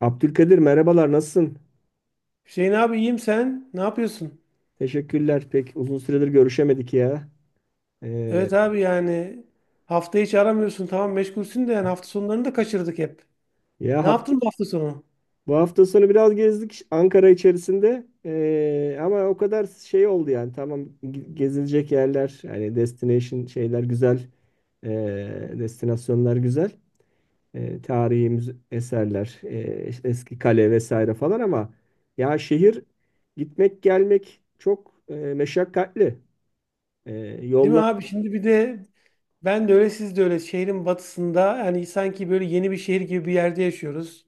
Abdülkadir merhabalar nasılsın? Hüseyin abi iyiyim sen. Ne yapıyorsun? Teşekkürler. Pek uzun süredir görüşemedik ya. Ee, Evet abi yani hafta hiç aramıyorsun. Tamam meşgulsün de yani hafta sonlarını da kaçırdık hep. ya Ne hafta, yaptın bu hafta sonu? bu hafta sonu biraz gezdik Ankara içerisinde. Ama o kadar şey oldu yani. Tamam gezilecek yerler, yani destination şeyler güzel. Destinasyonlar güzel. Tarihi eserler, işte eski kale vesaire falan ama ya şehir gitmek gelmek çok meşakkatli. Ee, Değil mi yollar. abi? Şimdi bir de ben de öyle siz de öyle şehrin batısında yani sanki böyle yeni bir şehir gibi bir yerde yaşıyoruz.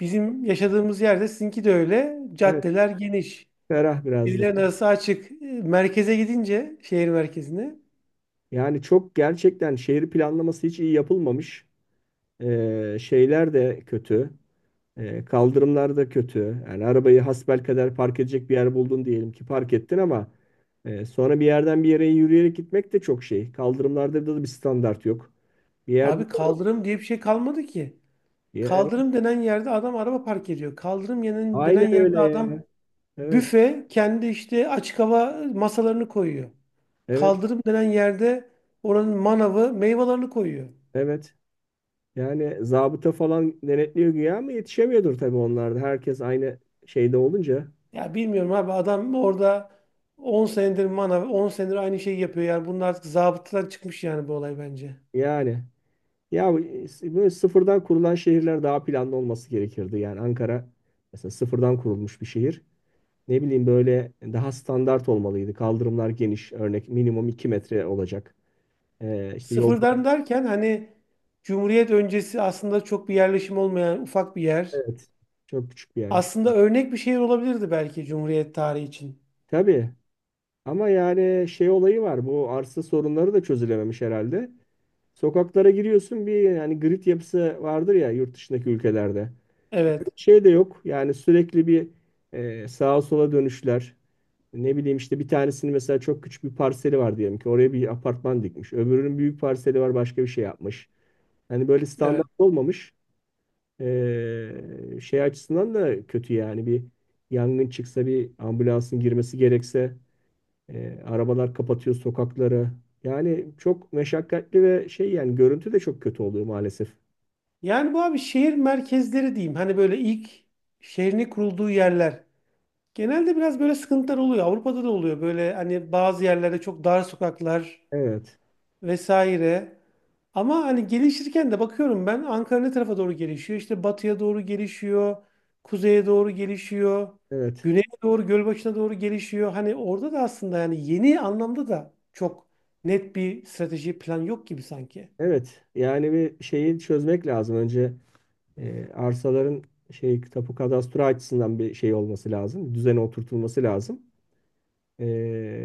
Bizim yaşadığımız yerde sizinki de öyle. Evet, Caddeler geniş. ferah biraz da. Birilerin arası açık. Merkeze gidince şehir merkezine, Yani çok gerçekten şehir planlaması hiç iyi yapılmamış. Şeyler de kötü. Kaldırımlar da kötü. Yani arabayı hasbelkader park edecek bir yer buldun diyelim ki park ettin ama sonra bir yerden bir yere yürüyerek gitmek de çok şey. Kaldırımlarda da bir standart yok. Bir yerde. abi, kaldırım diye bir şey kalmadı ki. Ya, evet, Kaldırım denen yerde adam araba park ediyor. Kaldırım denen aynen yerde öyle ya. adam, Evet, büfe kendi işte açık hava masalarını koyuyor. evet, Kaldırım denen yerde oranın manavı meyvelerini koyuyor. evet. Yani zabıta falan denetliyor güya ama yetişemiyordur tabii onlarda. Herkes aynı şeyde olunca Ya bilmiyorum abi, adam orada 10 senedir manav, 10 senedir aynı şeyi yapıyor. Yani bunun artık zabıtadan çıkmış yani, bu olay bence. yani. Ya böyle sıfırdan kurulan şehirler daha planlı olması gerekirdi. Yani Ankara mesela sıfırdan kurulmuş bir şehir. Ne bileyim böyle daha standart olmalıydı. Kaldırımlar geniş, örnek minimum 2 metre olacak. İşte yolda. Sıfırdan derken hani Cumhuriyet öncesi aslında çok bir yerleşim olmayan ufak bir yer. Evet, çok küçük bir yermiş. Aslında örnek bir şehir olabilirdi belki Cumhuriyet tarihi için. Tabii ama yani şey olayı var. Bu arsa sorunları da çözülememiş herhalde. Sokaklara giriyorsun bir yani grid yapısı vardır ya yurt dışındaki ülkelerde. Evet, Şey de yok. Yani sürekli bir sağa sola dönüşler. Ne bileyim işte bir tanesinin mesela çok küçük bir parseli var diyelim ki oraya bir apartman dikmiş. Öbürünün büyük parseli var başka bir şey yapmış. Hani böyle standart evet. olmamış. Şey açısından da kötü yani bir yangın çıksa bir ambulansın girmesi gerekse arabalar kapatıyor sokakları. Yani çok meşakkatli ve şey yani görüntü de çok kötü oluyor maalesef. Yani bu abi şehir merkezleri diyeyim. Hani böyle ilk şehrini kurulduğu yerler. Genelde biraz böyle sıkıntılar oluyor. Avrupa'da da oluyor. Böyle hani bazı yerlerde çok dar sokaklar Evet, vesaire. Ama hani gelişirken de bakıyorum, ben Ankara ne tarafa doğru gelişiyor? İşte batıya doğru gelişiyor. Kuzeye doğru gelişiyor. evet. Güneye doğru, Gölbaşı'na doğru gelişiyor. Hani orada da aslında yani yeni anlamda da çok net bir strateji plan yok gibi sanki. Evet, yani bir şeyi çözmek lazım. Önce arsaların şey tapu kadastro açısından bir şey olması lazım. Düzene oturtulması lazım. E,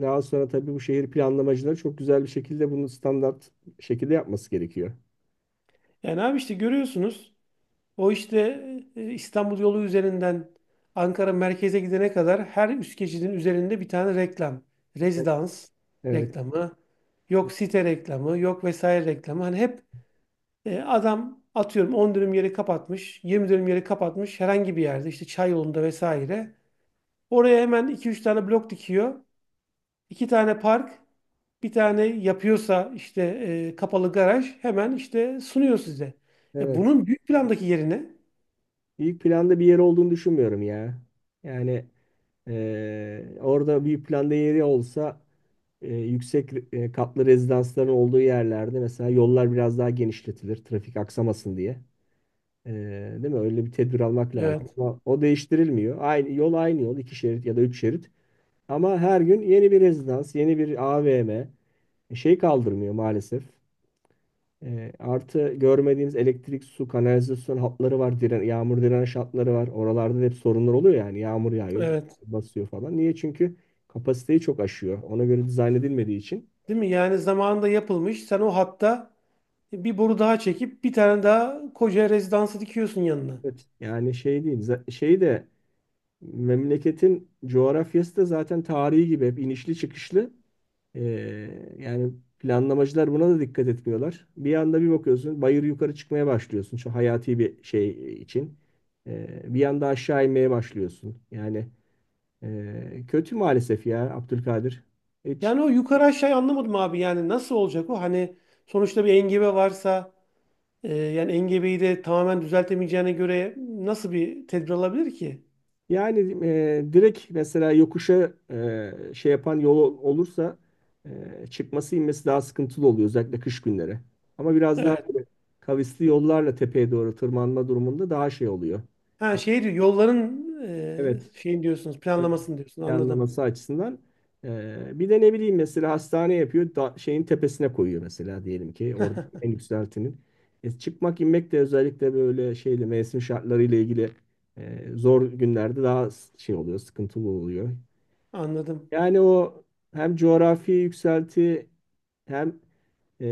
daha sonra tabii bu şehir planlamacıları çok güzel bir şekilde bunu standart şekilde yapması gerekiyor. Yani abi işte görüyorsunuz. O işte İstanbul yolu üzerinden Ankara merkeze gidene kadar her üst geçidin üzerinde bir tane reklam. Rezidans Evet, reklamı, yok site reklamı, yok vesaire reklamı. Hani hep adam atıyorum 10 dönüm yeri kapatmış, 20 dönüm yeri kapatmış herhangi bir yerde işte çay yolunda vesaire. Oraya hemen iki üç tane blok dikiyor. İki tane park, bir tane yapıyorsa işte kapalı garaj hemen işte sunuyor size. Evet. Bunun büyük plandaki yerine. İlk planda bir yer olduğunu düşünmüyorum ya. Yani. Orada bir planda yeri olsa yüksek katlı rezidansların olduğu yerlerde mesela yollar biraz daha genişletilir trafik aksamasın diye. Ee, değil mi? Öyle bir tedbir almak lazım. Evet, Ama o değiştirilmiyor. Aynı yol aynı yol, iki şerit ya da üç şerit. Ama her gün yeni bir rezidans, yeni bir AVM şey kaldırmıyor maalesef. Artı görmediğimiz elektrik, su, kanalizasyon hatları var. Yağmur direnç hatları var. Oralarda da hep sorunlar oluyor yani. Yağmur yağıyor, evet. basıyor falan. Niye? Çünkü kapasiteyi çok aşıyor. Ona göre dizayn edilmediği için. Değil mi? Yani zamanında yapılmış. Sen o hatta bir boru daha çekip bir tane daha koca rezidansı dikiyorsun yanına. Evet. Yani şey değil. Şey de. Memleketin coğrafyası da zaten tarihi gibi hep inişli çıkışlı. Ee, yani planlamacılar buna da dikkat etmiyorlar. Bir anda bir bakıyorsun bayır yukarı çıkmaya başlıyorsun şu hayati bir şey için. Bir anda aşağı inmeye başlıyorsun. Yani kötü maalesef ya Abdülkadir. Hiç Yani o yukarı aşağı anlamadım abi. Yani nasıl olacak o? Hani sonuçta bir engebe varsa yani engebeyi de tamamen düzeltemeyeceğine göre nasıl bir tedbir alabilir ki? Yani direkt mesela yokuşa şey yapan yol olursa çıkması inmesi daha sıkıntılı oluyor özellikle kış günleri. Ama biraz daha Evet. böyle kavisli yollarla tepeye doğru tırmanma durumunda daha şey oluyor. Ha, şey diyor yolların, Evet. Şeyin diyorsunuz, Evet. planlamasını diyorsun. Anladım. Planlaması açısından. Bir de ne bileyim mesela hastane yapıyor da şeyin tepesine koyuyor mesela diyelim ki orada en yükseltinin. Çıkmak inmek de özellikle böyle şeyle mevsim şartlarıyla ilgili zor günlerde daha şey oluyor sıkıntılı oluyor. Anladım. Yani o hem coğrafi yükselti hem e,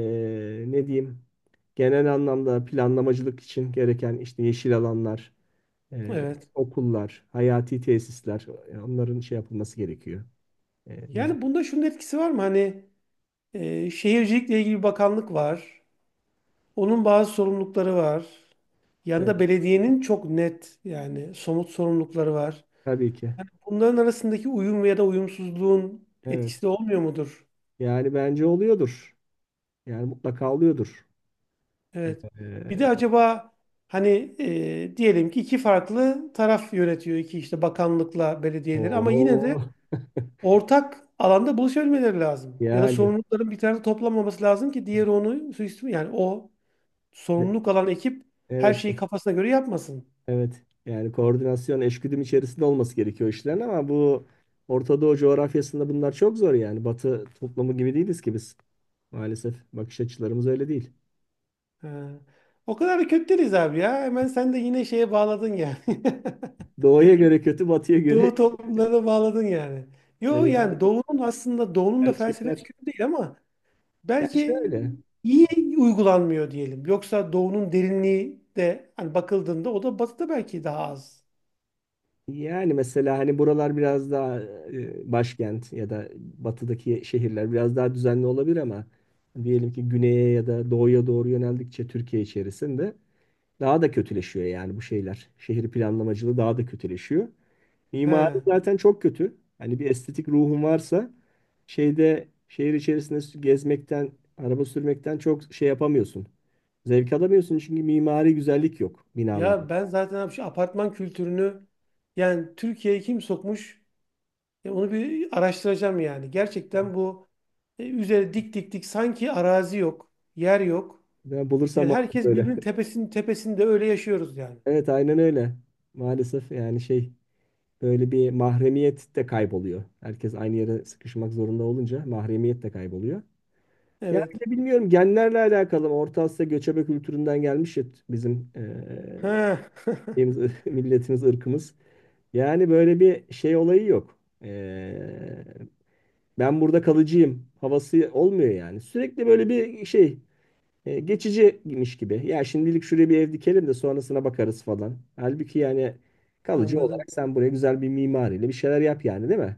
ne diyeyim genel anlamda planlamacılık için gereken işte yeşil alanlar, e, Evet. okullar, hayati tesisler, onların şey yapılması gerekiyor. Düzgün. Yani bunda şunun etkisi var mı? Hani şehircilikle ilgili bir bakanlık var. Onun bazı sorumlulukları var. Evet, Yanında belediyenin çok net yani somut sorumlulukları var. tabii ki. Bunların arasındaki uyum ya da uyumsuzluğun Evet. etkisi de olmuyor mudur? Yani bence oluyordur. Yani mutlaka oluyordur. Evet. Bir de E, acaba hani diyelim ki iki farklı taraf yönetiyor, iki işte bakanlıkla belediyeleri, ama yine de oho. ortak alanda buluşabilmeleri lazım. Ya da Yani, sorumlulukların bir tarafta toplanmaması lazım ki diğeri onu suistimal, yani o e, sorumluluk alan ekip her evet şeyi kafasına göre yapmasın. evet. Yani koordinasyon, eşgüdüm içerisinde olması gerekiyor işlerin ama bu Orta Doğu coğrafyasında bunlar çok zor yani. Batı toplumu gibi değiliz ki biz. Maalesef bakış açılarımız öyle değil. Ha. O kadar da kötü değiliz abi ya. Hemen sen de yine şeye bağladın yani. Doğuya göre kötü, batıya göre Doğu toplumlarına bağladın yani. e, Yo yani yani Doğu'nun, aslında Doğu'nun da felsefesi gerçekler. kötü değil ama Ya belki şöyle iyi uygulanmıyor diyelim. Yoksa Doğu'nun derinliği de hani bakıldığında o da Batı'da belki daha az. yani mesela hani buralar biraz daha başkent ya da batıdaki şehirler biraz daha düzenli olabilir ama diyelim ki güneye ya da doğuya doğru yöneldikçe Türkiye içerisinde daha da kötüleşiyor yani bu şeyler. Şehir planlamacılığı daha da kötüleşiyor. He. Mimari zaten çok kötü. Hani bir estetik ruhun varsa şeyde şehir içerisinde gezmekten, araba sürmekten çok şey yapamıyorsun. Zevk alamıyorsun çünkü mimari güzellik yok binalar. Ya ben zaten abi şu apartman kültürünü, yani Türkiye'ye kim sokmuş? Onu bir araştıracağım yani. Gerçekten bu üzeri dik dik dik sanki arazi yok, yer yok. Ben bulursam Yani bana herkes söyle. birbirinin tepesinin tepesinde öyle yaşıyoruz yani. Evet, aynen öyle. Maalesef yani şey, böyle bir mahremiyet de kayboluyor. Herkes aynı yere sıkışmak zorunda olunca mahremiyet de kayboluyor. Ya bir Evet. de bilmiyorum, genlerle alakalı mı? Orta Asya göçebe kültüründen gelmiş ya bizim Ha. şeyimiz, milletimiz, ırkımız. Yani böyle bir şey olayı yok. Ben burada kalıcıyım havası olmuyor yani. Sürekli böyle bir şey geçiciymiş gibi. Ya şimdilik şuraya bir ev dikelim de sonrasına bakarız falan. Halbuki yani kalıcı olarak Anladım. sen buraya güzel bir mimariyle bir şeyler yap yani, değil mi?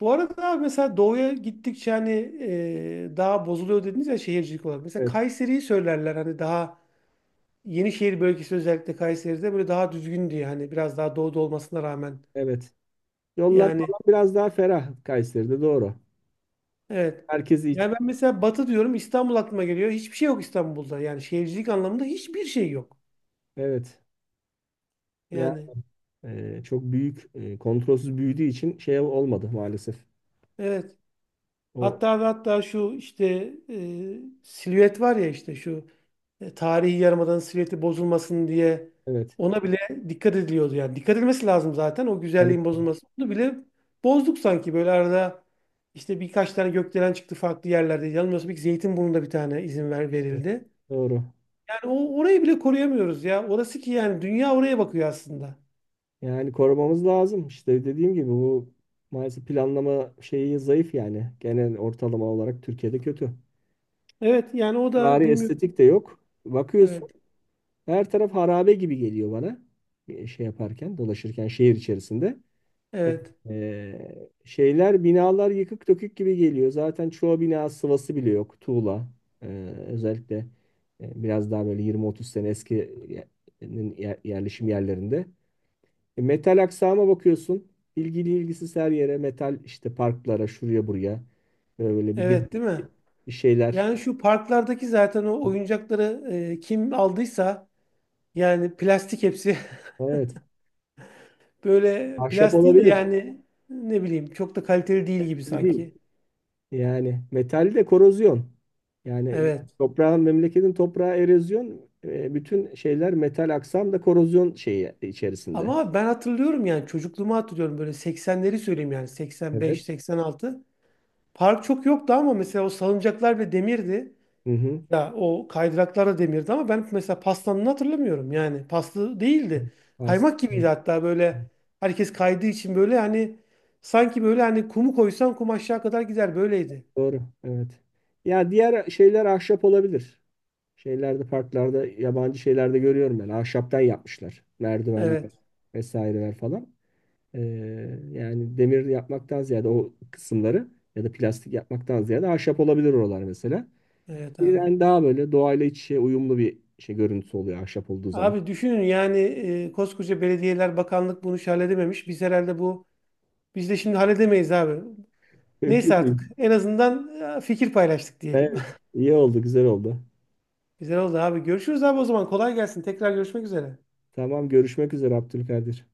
Bu arada abi mesela doğuya gittikçe hani daha bozuluyor dediniz ya şehircilik olarak. Mesela Evet. Kayseri'yi söylerler hani daha Yenişehir bölgesi özellikle Kayseri'de böyle daha düzgün diye, hani biraz daha doğuda olmasına rağmen. Evet. Yollar Yani falan biraz daha ferah Kayseri'de, doğru. evet. Herkesi Yani için. ben mesela Batı diyorum, İstanbul aklıma geliyor. Hiçbir şey yok İstanbul'da. Yani şehircilik anlamında hiçbir şey yok. Evet. Ya Yani çok büyük, kontrolsüz büyüdüğü için şey olmadı maalesef. evet. O Hatta ve hatta şu işte silüet var ya, işte şu tarihi yarımadanın silüeti bozulmasın diye evet. ona bile dikkat ediliyordu yani. Dikkat edilmesi lazım zaten, o Hadi. güzelliğin bozulması. Onu bile bozduk sanki, böyle arada işte birkaç tane gökdelen çıktı farklı yerlerde. Yanılmıyorsam bir Zeytinburnu'nda bir tane izin Evet, verildi. doğru. Yani o orayı bile koruyamıyoruz ya. Orası ki yani dünya oraya bakıyor aslında. Yani korumamız lazım. İşte dediğim gibi bu maalesef planlama şeyi zayıf yani. Genel ortalama olarak Türkiye'de kötü. Evet yani o Bari da bilmiyorum. estetik de yok. Bakıyorsun, Evet. her taraf harabe gibi geliyor bana. Şey yaparken, dolaşırken şehir içerisinde. E, Evet. şeyler, binalar yıkık dökük gibi geliyor. Zaten çoğu bina sıvası bile yok. Tuğla. E, özellikle biraz daha böyle 20-30 sene eski ye- yerleşim yerlerinde. Metal aksama bakıyorsun. İlgili ilgisiz her yere metal, işte parklara, şuraya buraya. Böyle bir de Evet, değil mi? bir şeyler. Yani şu parklardaki zaten o oyuncakları, kim aldıysa yani, plastik hepsi. Evet. Böyle Ahşap plastiği de olabilir. yani ne bileyim çok da kaliteli değil gibi Öyle değil. sanki. Yani metal de korozyon. Yani Evet. toprağın, memleketin toprağı erozyon, bütün şeyler, metal aksam da korozyon şeyi içerisinde. Ama ben hatırlıyorum, yani çocukluğumu hatırlıyorum, böyle 80'leri söyleyeyim yani, Evet. 85, 86. Park çok yoktu ama mesela o salıncaklar bile demirdi. Hı hı. Ya o kaydıraklar da demirdi ama ben mesela pastanını hatırlamıyorum. Yani paslı Evet. değildi. Kaymak Evet. gibiydi hatta, böyle herkes kaydığı için, böyle hani sanki böyle hani kumu koysan kum aşağı kadar gider böyleydi. Doğru. Evet. Ya diğer şeyler ahşap olabilir. Şeylerde, parklarda, yabancı şeylerde görüyorum ben. Ahşaptan yapmışlar. Merdivenler Evet. vesaireler falan. Ee, yani demir yapmaktan ziyade o kısımları ya da plastik yapmaktan ziyade ahşap olabilir oralar mesela. Evet abi. Yani daha böyle doğayla iç içe uyumlu bir şey, görüntüsü oluyor ahşap olduğu zaman. Abi düşünün yani, koskoca belediyeler, bakanlık bunu hiç halledememiş. Biz herhalde bu, biz de şimdi halledemeyiz abi. Neyse Mümkün değil. artık en azından fikir paylaştık diyelim. Evet. İyi oldu, güzel oldu. Güzel oldu abi. Görüşürüz abi o zaman. Kolay gelsin. Tekrar görüşmek üzere. Tamam, görüşmek üzere Abdülkadir.